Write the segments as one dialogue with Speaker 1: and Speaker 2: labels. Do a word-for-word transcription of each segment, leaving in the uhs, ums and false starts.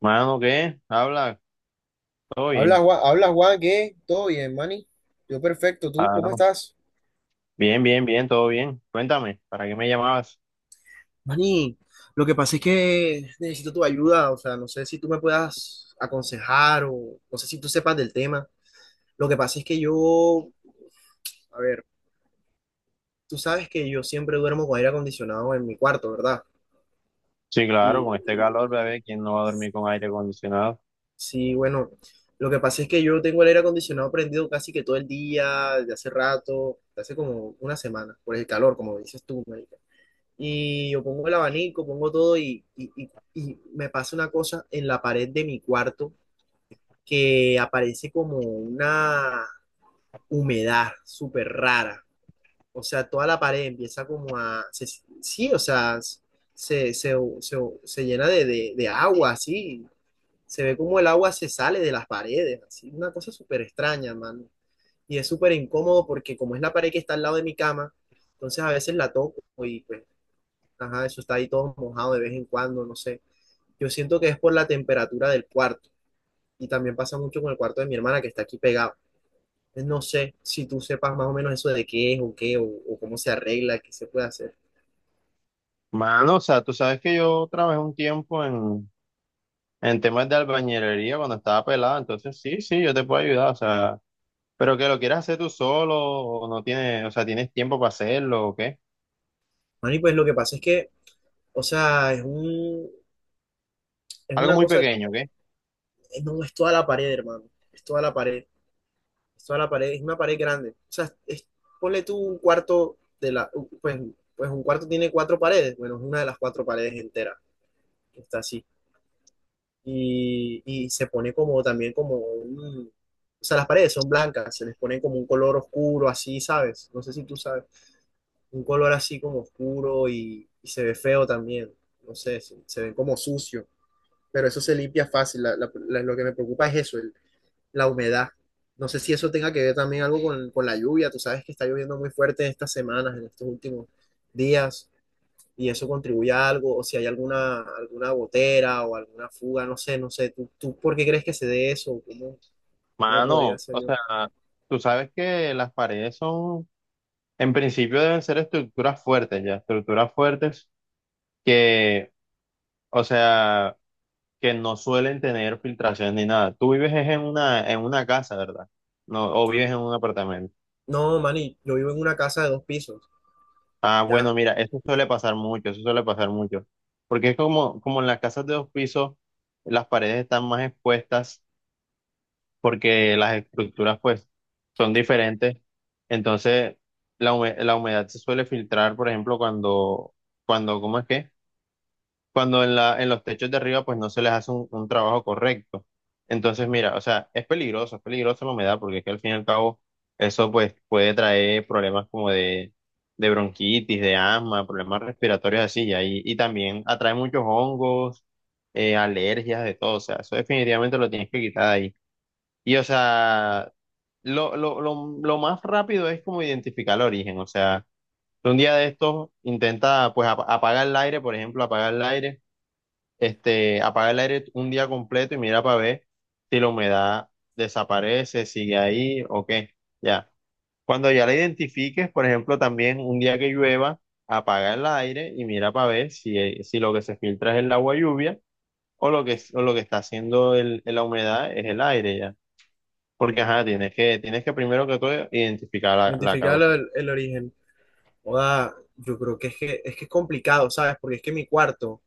Speaker 1: Mano, ¿qué? Habla, todo
Speaker 2: Habla
Speaker 1: bien.
Speaker 2: Juan, habla Juan, ¿qué? ¿Todo bien, Manny? Yo perfecto, ¿tú cómo
Speaker 1: Claro.
Speaker 2: estás?
Speaker 1: Bien, bien, bien, todo bien. Cuéntame, ¿para qué me llamabas?
Speaker 2: Mani, lo que pasa es que necesito tu ayuda, o sea, no sé si tú me puedas aconsejar o no sé si tú sepas del tema. Lo que pasa es que yo, a ver, tú sabes que yo siempre duermo con aire acondicionado en mi cuarto, ¿verdad?
Speaker 1: Sí,
Speaker 2: Y,
Speaker 1: claro, con este
Speaker 2: y
Speaker 1: calor, bebé, ¿quién no va a dormir con aire acondicionado?
Speaker 2: sí, bueno, lo que pasa es que yo tengo el aire acondicionado prendido casi que todo el día, desde hace rato, desde hace como una semana, por el calor, como dices tú, marica. Y yo pongo el abanico, pongo todo y, y- y- y me pasa una cosa en la pared de mi cuarto que aparece como una humedad súper rara. O sea, toda la pared empieza como a... se- sí, o sea, se, se- se- se llena de, de- de agua, así. Se ve como el agua se sale de las paredes, así. Una cosa súper extraña, mano. Y es súper incómodo porque como es la pared que está al lado de mi cama, entonces a veces la toco y pues ajá, eso está ahí todo mojado de vez en cuando, no sé. Yo siento que es por la temperatura del cuarto y también pasa mucho con el cuarto de mi hermana que está aquí pegado. Entonces, no sé si tú sepas más o menos eso de qué es o qué o, o cómo se arregla, qué se puede hacer.
Speaker 1: Mano, o sea, tú sabes que yo trabajé un tiempo en, en temas de albañilería cuando estaba pelado, entonces sí, sí, yo te puedo ayudar, o sea, pero que lo quieras hacer tú solo o no tienes, o sea, ¿tienes tiempo para hacerlo o qué?
Speaker 2: Mani, pues lo que pasa es que, o sea, es un, es
Speaker 1: Algo
Speaker 2: una
Speaker 1: muy
Speaker 2: cosa,
Speaker 1: pequeño, ¿qué?
Speaker 2: eh, no es toda la pared, hermano, es toda la pared, es toda la pared, es una pared grande. O sea, es- ponle tú un cuarto de la, pues, pues un cuarto tiene cuatro paredes, bueno, es una de las cuatro paredes entera, está así. y, y se pone como también como un... O sea, las paredes son blancas, se les pone como un color oscuro, así, ¿sabes? No sé si tú sabes, un color así como oscuro y, y se ve feo también, no sé, se, se ven como sucio, pero eso se limpia fácil, la- la- la- lo que me preocupa es eso, el- la humedad. No sé si eso tenga que ver también algo con, con la lluvia, tú sabes que está lloviendo muy fuerte estas semanas, en estos últimos días y eso contribuye a algo, o si hay alguna, alguna gotera o alguna fuga, no sé, no sé, ¿tú, tú por qué crees que se dé eso? ¿Cómo, cómo podría
Speaker 1: Mano,
Speaker 2: ser
Speaker 1: o
Speaker 2: yo?
Speaker 1: sea, tú sabes que las paredes son, en principio, deben ser estructuras fuertes, ya, estructuras fuertes que, o sea, que no suelen tener filtraciones ni nada. Tú vives es en una, en una casa, ¿verdad? No, o vives en un apartamento.
Speaker 2: No, Manny, yo vivo en una casa de dos pisos,
Speaker 1: Ah,
Speaker 2: ya,
Speaker 1: bueno, mira, eso suele pasar mucho, eso suele pasar mucho. Porque es como, como en las casas de dos pisos, las paredes están más expuestas porque las estructuras, pues, son diferentes. Entonces, la hume- la humedad se suele filtrar, por ejemplo, cuando, cuando, ¿cómo es que? Cuando en la, en los techos de arriba pues no se les hace un, un trabajo correcto. Entonces, mira, o sea, es peligroso, es peligroso la humedad, porque es que al fin y al cabo eso pues puede traer problemas como de, de bronquitis, de asma, problemas respiratorios así, y, ahí- y también atrae muchos hongos, eh, alergias, de todo, o sea, eso definitivamente lo tienes que quitar de ahí. Y o sea, lo, lo, lo, lo más rápido es como identificar el origen, o sea, un día de estos intenta pues ap- apagar el aire, por ejemplo, apagar el aire este, apaga el aire un día completo y mira para ver si la humedad desaparece, sigue ahí o qué. Ya. Cuando ya la identifiques, por ejemplo, también un día que llueva, apaga el aire y mira para ver si, eh, si lo que se filtra es el agua lluvia o lo que, o lo que está haciendo el, la humedad es el aire ya. Porque, ajá, tienes que, tienes que primero que todo identificar la, la
Speaker 2: identificar
Speaker 1: causa.
Speaker 2: el, el origen. Joda, yo creo que es que, es que es complicado, ¿sabes? Porque es que mi cuarto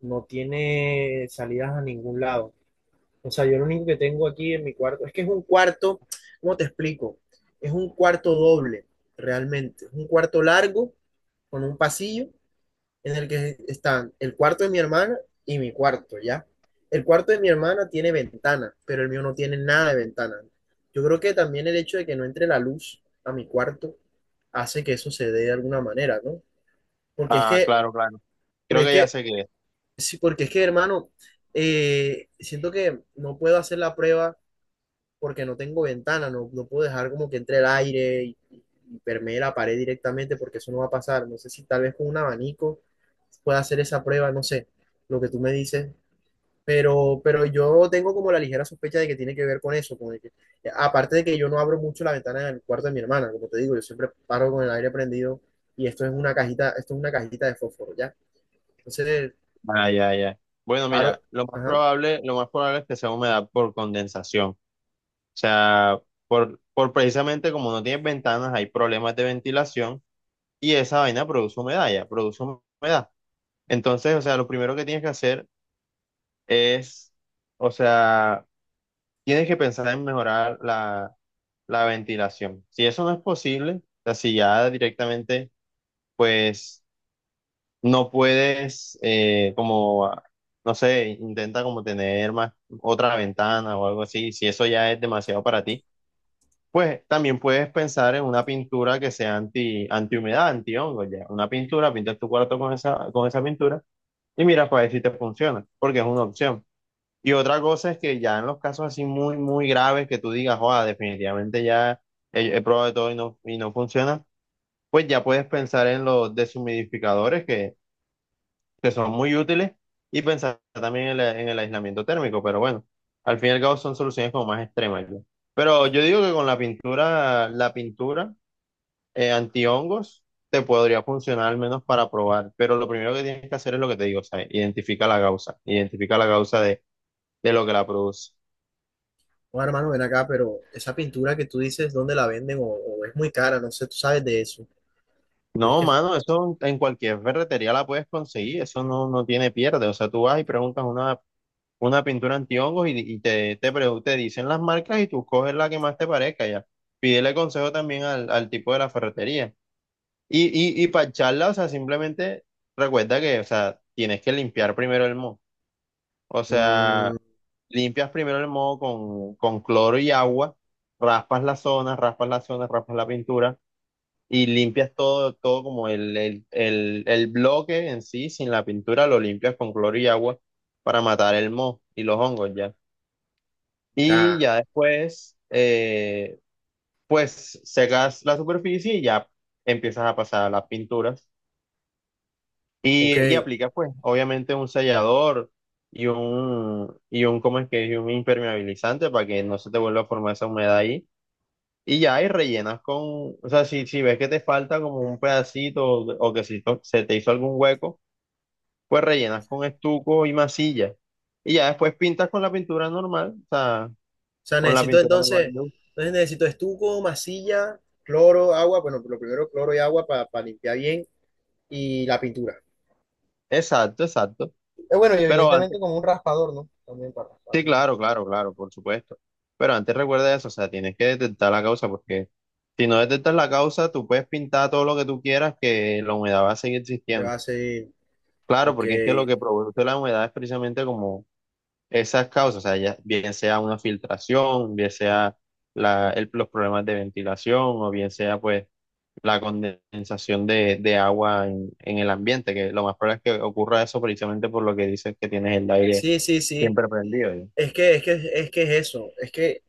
Speaker 2: no tiene salidas a ningún lado. O sea, yo lo único que tengo aquí en mi cuarto, es que es un cuarto, ¿cómo te explico? Es un cuarto doble, realmente. Es un cuarto largo con un pasillo en el que están el cuarto de mi hermana y mi cuarto, ¿ya? El cuarto de mi hermana tiene ventana, pero el mío no tiene nada de ventana. Yo creo que también el hecho de que no entre la luz a mi cuarto hace que eso se dé de alguna manera, ¿no? Porque es
Speaker 1: Ah,
Speaker 2: que,
Speaker 1: claro, claro. Creo
Speaker 2: porque es
Speaker 1: que ya
Speaker 2: que,
Speaker 1: sé qué es.
Speaker 2: sí, porque es que, hermano, eh, siento que no puedo hacer la prueba porque no tengo ventana, no, no puedo dejar como que entre el aire y, y permee la pared directamente porque eso no va a pasar. No sé si tal vez con un abanico pueda hacer esa prueba, no sé, lo que tú me dices, pero, pero yo tengo como la ligera sospecha de que tiene que ver con eso, con el que- aparte de que yo no abro mucho la ventana del cuarto de mi hermana, como te digo, yo siempre paro con el aire prendido y esto es una cajita, esto es una cajita de fósforo, ¿ya? Entonces
Speaker 1: Ah, ya, ya. Bueno, mira,
Speaker 2: paro,
Speaker 1: lo más
Speaker 2: ajá.
Speaker 1: probable, lo más probable es que sea humedad por condensación. O sea, por, por precisamente como no tienes ventanas, hay problemas de ventilación y esa vaina produce humedad, ya, produce humedad. Entonces, o sea, lo primero que tienes que hacer es, o sea, tienes que pensar en mejorar la, la ventilación. Si eso no es posible, o sea, si ya directamente, pues, no puedes, eh, como, ah, no sé, intenta como tener más otra ventana o algo así. Si eso ya es demasiado para ti, pues también puedes pensar en una pintura que sea anti, antihumedad, antihongo, ya. Una pintura, pintas tu cuarto con esa, con esa pintura y mira para ver si te funciona, porque es una opción. Y otra cosa es que ya en los casos así muy, muy graves que tú digas, joda, definitivamente ya he, he probado de todo y no, y no funciona, pues ya puedes pensar en los deshumidificadores que, que son muy útiles, y pensar también en, la- en el aislamiento térmico, pero bueno, al fin y al cabo son soluciones como más extremas, ya. Pero yo digo que con la pintura, la pintura eh, antihongos te podría funcionar al menos para probar, pero lo primero que tienes que hacer es lo que te digo, o sea, identifica la causa, identifica la causa de, de lo que la produce.
Speaker 2: Bueno, hermano, ven acá, pero esa pintura que tú dices, ¿dónde la venden? O, o es muy cara, no sé, tú sabes de eso. Yo es
Speaker 1: No,
Speaker 2: que.
Speaker 1: mano, eso en cualquier ferretería la puedes conseguir, eso no, no tiene pierde, o sea, tú vas y preguntas una, una pintura antihongos y, y te, te, pre- te dicen las marcas y tú coges la que más te parezca ya. Pídele consejo también al, al tipo de la ferretería. Y, y, y para charla, o sea, simplemente recuerda que, o sea, tienes que limpiar primero el moho. O sea,
Speaker 2: Mm,
Speaker 1: limpias primero el moho con, con cloro y agua, raspas la zona, raspas la zona, raspas la pintura y limpias todo, todo como el, el, el, el bloque en sí, sin la pintura, lo limpias con cloro y agua para matar el moho y los hongos ya. Y
Speaker 2: ya,
Speaker 1: ya después, eh, pues secas la superficie y ya empiezas a pasar las pinturas. Y,
Speaker 2: ok.
Speaker 1: y aplicas, pues, obviamente un sellador y un, y un, ¿cómo es que? Es? Y un impermeabilizante para que no se te vuelva a formar esa humedad ahí. Y ya, y rellenas con, o sea, si, si ves que te falta como un pedacito o o que si to- se te hizo algún hueco, pues rellenas con estuco y masilla. Y ya después pintas con la pintura normal, o sea,
Speaker 2: O sea,
Speaker 1: con la
Speaker 2: necesito
Speaker 1: pintura normal,
Speaker 2: entonces.
Speaker 1: ¿no?
Speaker 2: Entonces necesito estuco, masilla, cloro, agua. Bueno, lo primero cloro y agua para limpiar bien. Y la pintura.
Speaker 1: Exacto, exacto.
Speaker 2: Eh, bueno, y
Speaker 1: Pero antes,
Speaker 2: evidentemente como un raspador, ¿no? También para raspar
Speaker 1: sí,
Speaker 2: bien el
Speaker 1: claro,
Speaker 2: fútbol.
Speaker 1: claro, claro, por supuesto. Pero antes recuerda eso, o sea, tienes que detectar la causa, porque si no detectas la causa, tú puedes pintar todo lo que tú quieras, que la humedad va a seguir
Speaker 2: ¿Qué
Speaker 1: existiendo.
Speaker 2: va a seguir?
Speaker 1: Claro,
Speaker 2: Ok.
Speaker 1: porque es que lo que produce la humedad es precisamente como esas causas, o sea, ya, bien sea una filtración, bien sea la, el- los problemas de ventilación, o bien sea pues la condensación de, de agua en, en el ambiente, que lo más probable es que ocurra eso precisamente por lo que dices que tienes el aire
Speaker 2: Sí, sí, sí.
Speaker 1: siempre prendido.
Speaker 2: Es que, es que, es que es eso. Es que,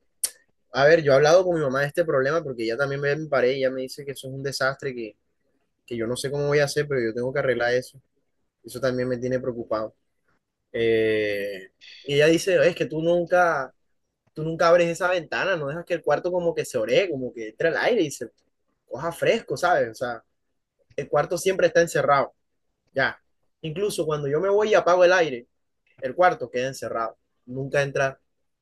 Speaker 2: a ver, yo he hablado con mi mamá de este problema porque ella también me, me paré y ella me dice que eso es un desastre, que, que yo no sé cómo voy a hacer, pero yo tengo que arreglar eso. Eso también me tiene preocupado. Eh, y ella dice, es que tú nunca, tú nunca abres esa ventana, no dejas que el cuarto como que se ore, como que entre el aire y se coja fresco, ¿sabes? O sea, el cuarto siempre está encerrado, ya. Incluso cuando yo me voy y apago el aire, el cuarto queda encerrado. Nunca entra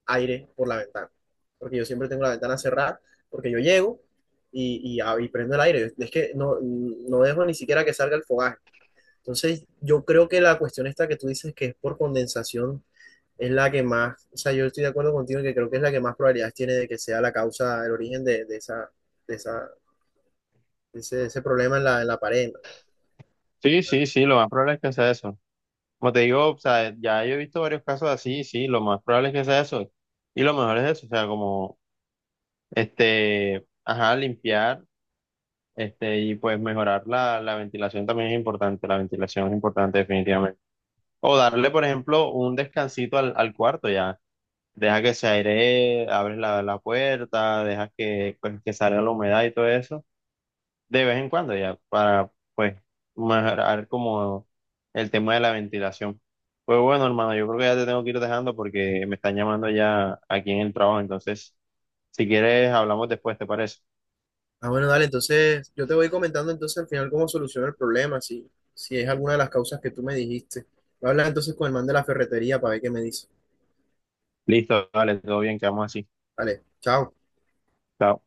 Speaker 2: aire por la ventana, porque yo siempre tengo la ventana cerrada, porque yo llego y, y, ab- y prendo el aire. Es que no, no dejo ni siquiera que salga el fogaje. Entonces, yo creo que la cuestión esta que tú dices que es por condensación es la que más, o sea, yo estoy de acuerdo contigo en que creo que es la que más probabilidades tiene de que sea la causa, el origen de, de esa, de esa, de ese, de ese problema en la, en la pared. ¿No?
Speaker 1: Sí, sí, sí, lo más probable es que sea eso. Como te digo, o sea, ya yo he visto varios casos así, sí, lo más probable es que sea eso. Y lo mejor es eso, o sea, como, este, ajá, limpiar, este, y pues mejorar la, la ventilación también es importante, la ventilación es importante definitivamente. O darle, por ejemplo, un descansito al, al cuarto ya. Deja que se airee, abres la, la puerta, deja que, pues, que salga la humedad y todo eso de vez en cuando ya para pues mejorar como el tema de la ventilación. Pues bueno, hermano, yo creo que ya te tengo que ir dejando porque me están llamando ya aquí en el trabajo, entonces si quieres hablamos después, ¿te parece?
Speaker 2: Ah, bueno, dale, entonces yo te voy comentando entonces al final cómo soluciono el problema, si, si es alguna de las causas que tú me dijiste. Voy a hablar entonces con el man de la ferretería para ver qué me dice.
Speaker 1: Listo, dale, todo bien, quedamos así.
Speaker 2: Vale, chao.
Speaker 1: Chao.